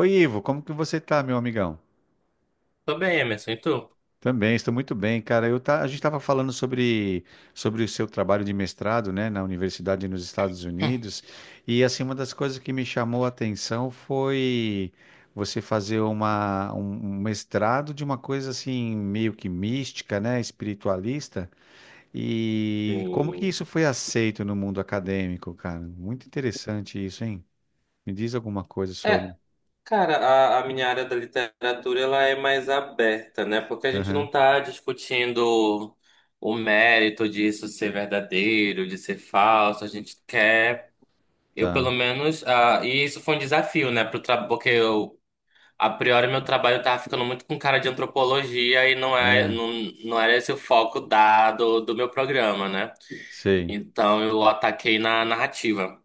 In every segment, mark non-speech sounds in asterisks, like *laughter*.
Oi, Ivo, como que você tá, meu amigão? Tô bem, Emerson, e tu? Também, estou muito bem, cara. A gente estava falando sobre o seu trabalho de mestrado, né, na universidade nos Estados Unidos, e assim, uma das coisas que me chamou a atenção foi você fazer um mestrado de uma coisa assim, meio que mística, né, espiritualista, e como que Sim. isso foi aceito no mundo acadêmico, cara? Muito interessante isso, hein? Me diz alguma coisa É, sobre. cara, a minha área da literatura ela é mais aberta, né? Porque a gente Aham, não tá discutindo o mérito disso ser verdadeiro, de ser falso. A gente quer, eu pelo tá. menos, e isso foi um desafio, né? Pro tra... Porque eu, a priori, meu trabalho tava ficando muito com cara de antropologia e não é, É, não, não era esse o foco do meu programa, né? sei. Então eu ataquei na narrativa.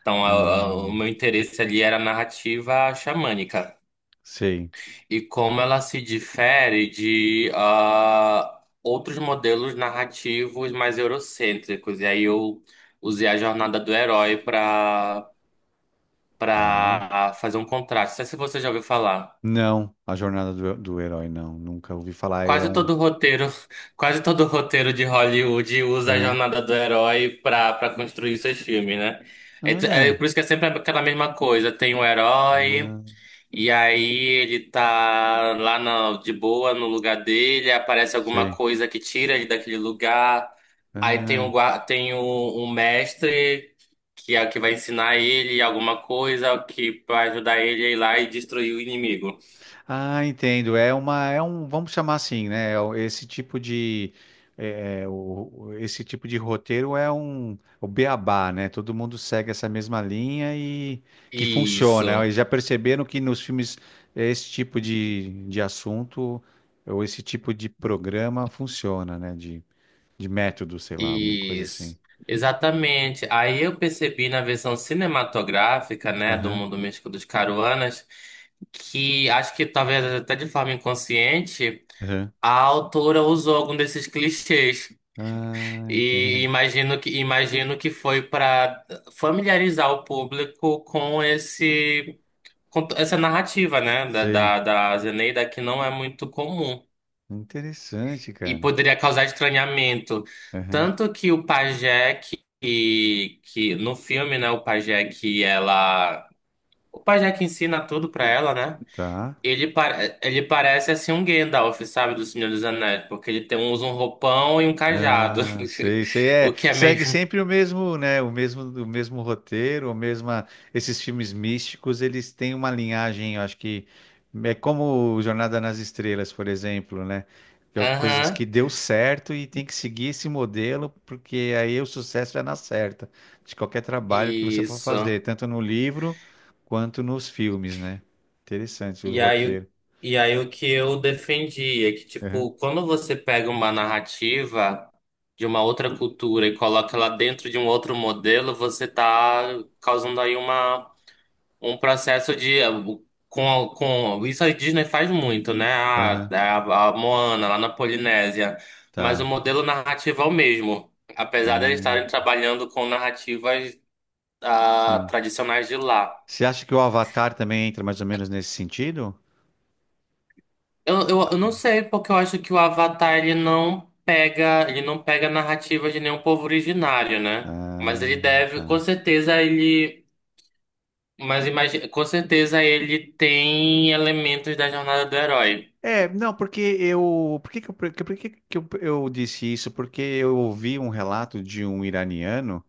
Então, a- o Ah, meu interesse ali era a narrativa xamânica sei, e como ela se difere de outros modelos narrativos mais eurocêntricos. E aí eu usei a jornada do herói para tá. para fazer um contraste. Não sei se você já ouviu falar. Não, a jornada do herói, não. Nunca ouvi falar. É Quase um. todo roteiro, *laughs* quase todo roteiro de Hollywood usa a Aham. jornada do herói para construir seus filmes, né? Olha É, é aí. por isso que é sempre aquela mesma coisa. Tem o herói. Ah, E aí ele tá lá na- de boa no lugar dele, aparece alguma sei. coisa que tira ele daquele lugar. Aí tem um, Aham. gua- tem um, um mestre que é o que vai ensinar ele alguma coisa que vai ajudar ele a ir lá e destruir o inimigo. Ah, entendo. É uma, é um, vamos chamar assim, né? Esse tipo de, esse tipo de roteiro é um, o beabá, né? Todo mundo segue essa mesma linha e que funciona. Isso, Eles já perceberam que nos filmes esse tipo de assunto ou esse tipo de programa funciona, né? De método, sei lá, alguma coisa assim. isso. Exatamente. Aí eu percebi na versão cinematográfica, né, do Aham, Mundo Místico dos Caruanas, que acho que talvez até de forma inconsciente. aham. A autora usou algum desses clichês Ah, e entendo. imagino que foi para familiarizar o público com esse com essa narrativa, né, da, Sei. da, da Zeneida que não é muito comum Interessante, e cara. poderia causar estranhamento, Aham. tanto que o pajé que no filme, né, o pajé que ensina tudo para ela, né? Tá. Ele parece assim um Gandalf, sabe, do Senhor dos Anéis, porque ele tem, usa um roupão e um cajado, Ah, sei, sei. *laughs* o É, que é segue meio. sempre o mesmo, né? O mesmo roteiro, o mesma. Esses filmes místicos, eles têm uma linhagem, eu acho que é como Jornada nas Estrelas, por exemplo, né? Que é coisas que Aham, deu certo e tem que seguir esse modelo, porque aí o sucesso é na certa de qualquer trabalho que você for fazer, isso. tanto no livro quanto nos filmes, né? Interessante o E aí, roteiro. o- e aí o que eu defendi é que, Aham, tipo, quando você pega uma narrativa de uma outra cultura e coloca ela dentro de um outro modelo, você tá causando aí uma um processo de com isso a Disney faz muito, né? A, aham, a, a Moana lá na Polinésia, mas o tá. modelo narrativo é o mesmo, apesar de eles estarem Ah, trabalhando com narrativas sim. tradicionais de lá. Você acha que o Avatar também entra mais ou menos nesse sentido? Eu não sei porque eu acho que o Avatar ele não pega narrativa de nenhum povo originário, né? Mas Ah, ele deve, com tá. certeza ele, mas imagina, com certeza ele tem elementos da jornada do herói. É, não, por que que eu disse isso? Porque eu ouvi um relato de um iraniano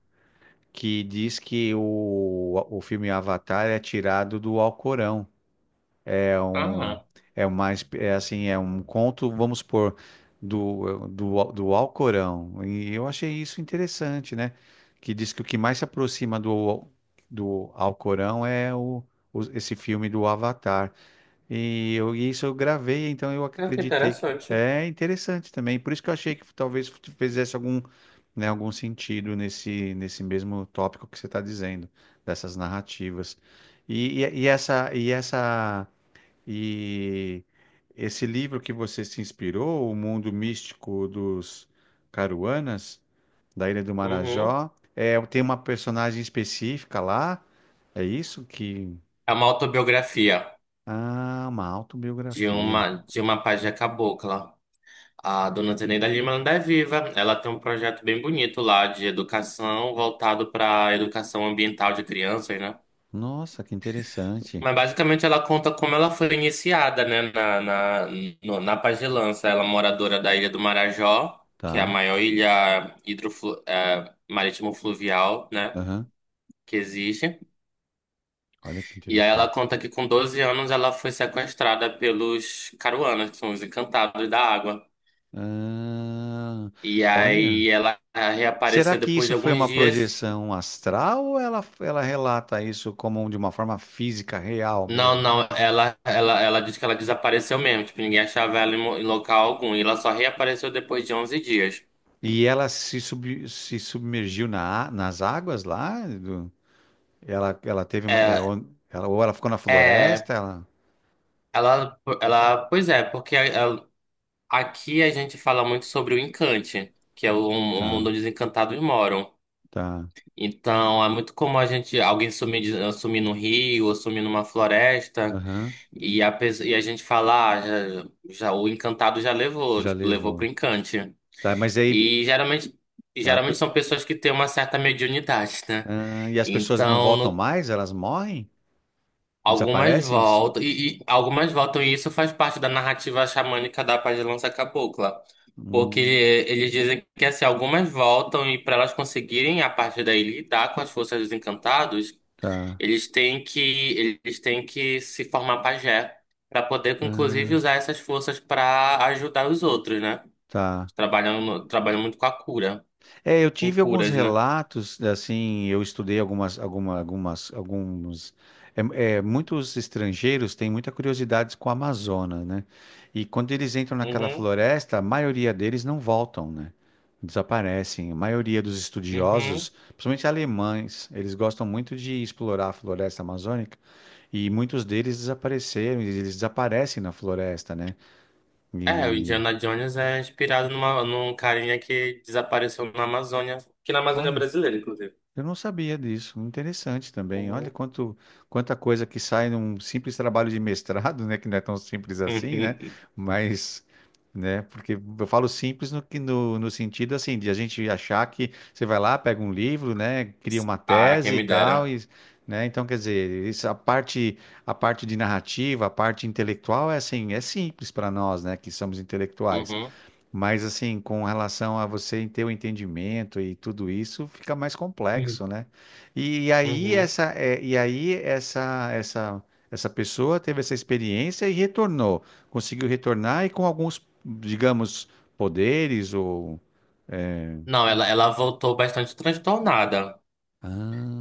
que diz que o filme Avatar é tirado do Alcorão. É um, Ah. É assim, é um conto, vamos supor, do Alcorão. E eu achei isso interessante, né? Que diz que o que mais se aproxima do Alcorão é esse filme do Avatar. E isso eu gravei, então Ah, que acreditei que interessante. é interessante também. Por isso que eu achei que talvez fizesse algum, né, algum sentido nesse mesmo tópico que você está dizendo, dessas narrativas. E essa, e essa e Esse livro que você se inspirou, O Mundo Místico dos Caruanas, da Ilha do Uhum. Marajó, é, tem uma personagem específica lá? É isso que. É uma autobiografia Ah, uma de autobiografia. uma de uma pajé cabocla. A dona Zeneida Lima ainda é viva. Ela tem um projeto bem bonito lá de educação voltado para educação ambiental de crianças, né? Nossa, que interessante. Mas basicamente ela conta como ela foi iniciada, né, na, na, no- na pajelança. Ela é moradora da Ilha do Marajó, que é a Tá. maior ilha hidroflu, marítimo-fluvial, né, Aham. que existe. Olha que E aí ela interessante. conta que com 12 anos ela foi sequestrada pelos Caruanas, que são os encantados da água. Ah, E olha. aí ela Será reapareceu que depois de isso foi alguns uma dias. projeção astral ou ela relata isso como de uma forma física real Não, mesmo? não, ela, ela, ela disse que ela desapareceu mesmo, tipo, ninguém achava ela em mo- em local algum. E ela só reapareceu depois de onze dias. E ela se submergiu nas águas lá? Ela, ela teve uma, é, É, on- ela, Ou ela ficou na é, floresta? Ela, pois é, porque ela- aqui a gente fala muito sobre o encante, que é o mundo tá, onde os encantados moram. tá. Então, é muito comum a gente, alguém sumir, de- sumir no rio, ou sumir numa floresta, Aham, e a gente falar, ah, já, já- o encantado já levou, já tipo, levou pro levou. encante. Tá, mas aí. E geralmente, e a geralmente pe- são pessoas que têm uma certa mediunidade, né? E as pessoas não Então, voltam no- mais? Elas morrem? algumas Desaparecem? Voltam, e algumas voltam, e isso faz parte da narrativa xamânica da Paz de Lança Cabocla. Porque Hum, eles dizem que assim, algumas voltam e para elas conseguirem, a partir daí, lidar com as forças dos encantados. tá. Eles têm que, eles têm que se formar pajé para poder, inclusive, Ah, usar essas forças para ajudar os outros, né? tá. Trabalham, no- trabalham muito com a cura, É, eu com tive alguns curas, né? relatos, assim, eu estudei algumas, alguma, algumas, alguns. Muitos estrangeiros têm muita curiosidade com a Amazônia, né? E quando eles entram naquela Uhum, floresta, a maioria deles não voltam, né? Desaparecem. A maioria dos estudiosos, uhum. principalmente alemães, eles gostam muito de explorar a floresta amazônica e muitos deles desapareceram, e eles desaparecem na floresta, né? É, o E Indiana Jones é inspirado numa, num carinha que desapareceu na Amazônia, que na Amazônia Olha, brasileira, inclusive. eu não sabia disso. Interessante também. Olha Uhum. Quanta coisa que sai num simples trabalho de mestrado, né? Que não é tão simples assim, né? *laughs* Mas, né? Porque eu falo simples no sentido assim de a gente achar que você vai lá, pega um livro, né? Cria uma Ah, quem tese e me tal, dera. e, né? Então, quer dizer, isso, a parte de narrativa, a parte intelectual é assim, é simples para nós, né? Que somos intelectuais. Uhum. Mas assim, com relação a você ter o entendimento e tudo isso, fica mais complexo, né? E, aí Uhum. essa, é, e aí Essa pessoa teve essa experiência e retornou, conseguiu retornar e com alguns, digamos, poderes Não, ela voltou bastante transtornada.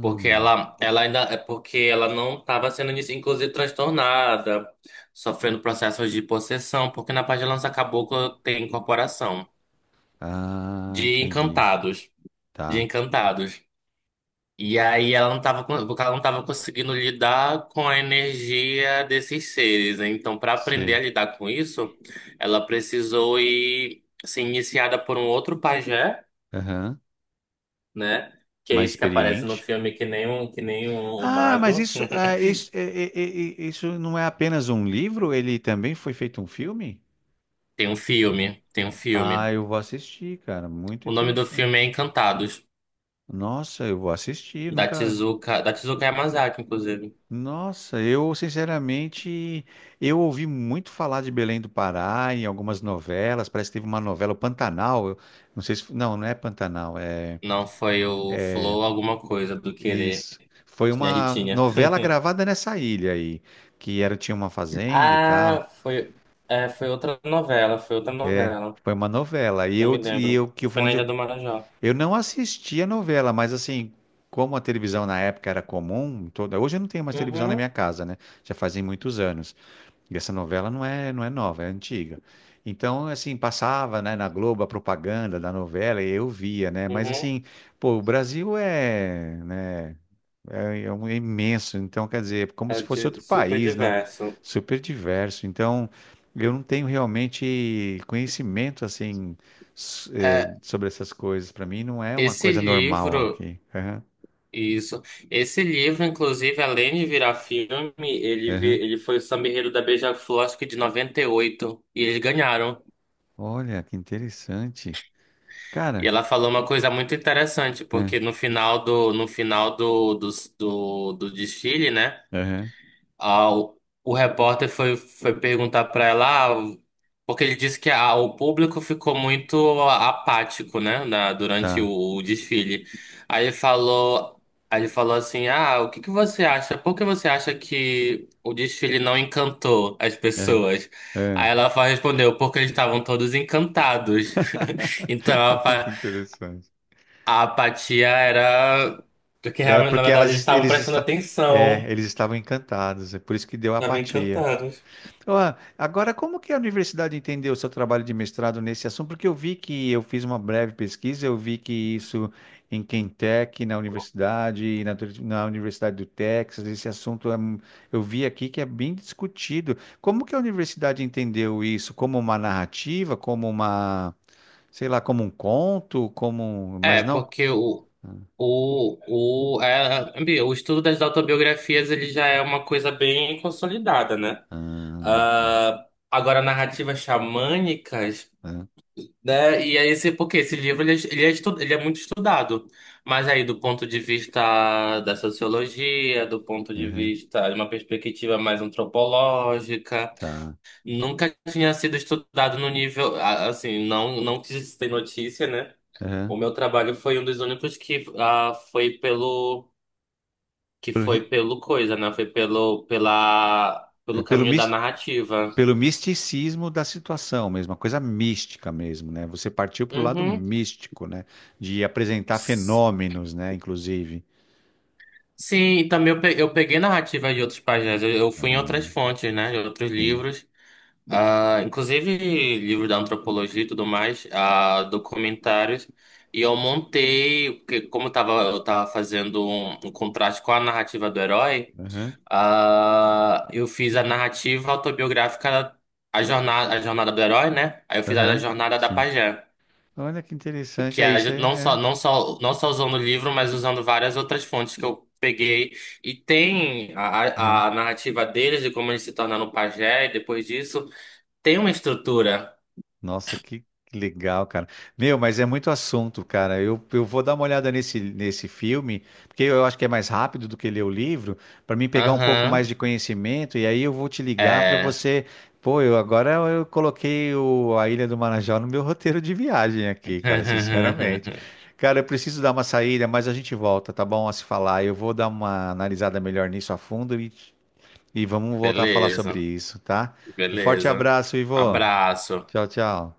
Porque ela ainda é porque ela não estava sendo, inici- inclusive, transtornada, sofrendo processos de possessão, porque na parte de Lança Caboclo tem incorporação de entendi, encantados, de tá, encantados. E aí ela não estava, porque ela não estava conseguindo lidar com a energia desses seres. Né? Então, para aprender a sim, lidar com isso, ela precisou ir ser iniciada por um outro pajé, aham. né? Que é Mais esse que aparece no experiente. filme que nem um Ah, mas mago. isso, isso, isso não é apenas um livro? Ele também foi feito um filme? Tem um filme, tem um Ah, filme. eu vou assistir, cara. Muito O nome do interessante. filme é Encantados, Nossa, eu vou assistir. da Nunca. Tezuka, da Tezuka Yamazaki, inclusive. Nossa, eu sinceramente, eu ouvi muito falar de Belém do Pará em algumas novelas. Parece que teve uma novela, o Pantanal. Não sei se. Não, não é Pantanal. É Não foi o Flow alguma coisa do Querer, isso. Foi tinha uma Ritinha. novela *laughs* gravada nessa ilha aí, que era tinha uma fazenda e tal. Ah, foi, é, foi outra novela. Foi uma novela. E Não me eu e lembro. eu que Foi foi na onde Ilha eu. do Marajó. Eu não assisti a novela, mas assim, como a televisão na época era comum, hoje eu não tenho mais televisão na minha Uhum, casa, né? Já fazem muitos anos. E essa novela não é nova, é antiga. Então, assim, passava, né, na Globo a propaganda da novela e eu via, né? Mas uhum. assim, pô, o Brasil é, né? É imenso, então quer dizer, é como É se fosse de- outro super país, né? diverso. Super diverso. Então, eu não tenho realmente conhecimento assim É, sobre essas coisas. Para mim, não é uma esse coisa normal livro. aqui. Aham, Isso. Esse livro, inclusive, além de virar filme, ele, vi- aham. ele foi o Samba-Enredo da Beija-Flor, acho que de 98, e oito, e eles ganharam. Olha, que interessante, E cara. ela falou uma coisa muito interessante, é, porque no final do, no final do, do, do, do desfile, né? Aham, Ah, o repórter foi, foi perguntar para ela, ah, porque ele disse que ah, o público ficou muito apático, né, na- durante o, tá. o desfile. Aí ele falou, aí ele falou assim, ah, o que que você acha? Por que você acha que o desfile não encantou as É, pessoas? é. Aí ela fa- respondeu, porque eles estavam todos encantados. *laughs* Então a, *laughs* Muito apa- interessante. a apatia era porque Era realmente, na porque verdade, elas, eles es- estavam eles, prestando esta- é, atenção, eles estavam encantados. É por isso que deu estavam apatia. encantados. Ó, agora, como que a universidade entendeu o seu trabalho de mestrado nesse assunto? Porque eu vi que eu fiz uma breve pesquisa, eu vi que isso em Quentec, na universidade, na Universidade do Texas, esse assunto eu vi aqui que é bem discutido. Como que a universidade entendeu isso? Como uma narrativa, como uma, sei lá, como um conto, mas É, não. porque o estudo das autobiografias ele já é uma coisa bem consolidada, né? Ah, tá. Ah, agora, narrativas xamânicas, Ah, né? E aí, esse, porque esse livro ele é muito estudado, mas aí, do ponto de vista da sociologia, do ponto tá. de Aham, vista de uma perspectiva mais antropológica, tá. nunca tinha sido estudado no nível, ah, assim, não, não que se tem notícia, né? Aham. O meu trabalho foi um dos únicos que Pelo, ri- foi pelo coisa, né? Foi pelo pela é pelo pelo, caminho da mis- narrativa. Pelo misticismo da situação mesmo, uma coisa mística mesmo, né? Você partiu para o lado Uhum. místico, né? De apresentar S- fenômenos, né? Inclusive. Sim, e também eu pe- eu peguei narrativa de outros pajés. Eu fui em outras fontes, né? De outros Sim. livros. Ah inclusive livros da antropologia e tudo mais, ah documentários. E eu montei, porque como eu tava fazendo um contraste com a narrativa do herói. Aham, Ah, eu fiz a narrativa autobiográfica, a jornada do herói, né? Aí eu fiz a aham, jornada da sim. pajé, Olha que interessante. que É é isso, ju- não só, é. não só, não só usando o livro, mas usando várias outras fontes que eu peguei. E tem É, é. a narrativa deles de como eles se tornaram pajé, e depois disso tem uma estrutura. Nossa, que legal, cara. Meu, mas é muito assunto, cara. Eu vou dar uma olhada nesse filme, porque eu acho que é mais rápido do que ler o livro, para mim pegar um pouco mais Aham, de conhecimento, e aí eu vou te ligar para é. você. Pô, eu agora eu coloquei a Ilha do Marajó no meu *laughs* roteiro de viagem aqui, cara, sinceramente. *laughs* Cara, eu preciso dar uma saída, mas a gente volta, tá bom? A se falar. Eu vou dar uma analisada melhor nisso a fundo e vamos voltar a falar sobre Beleza, isso, tá? Um forte beleza. abraço, Ivo. Abraço. Tchau, tchau.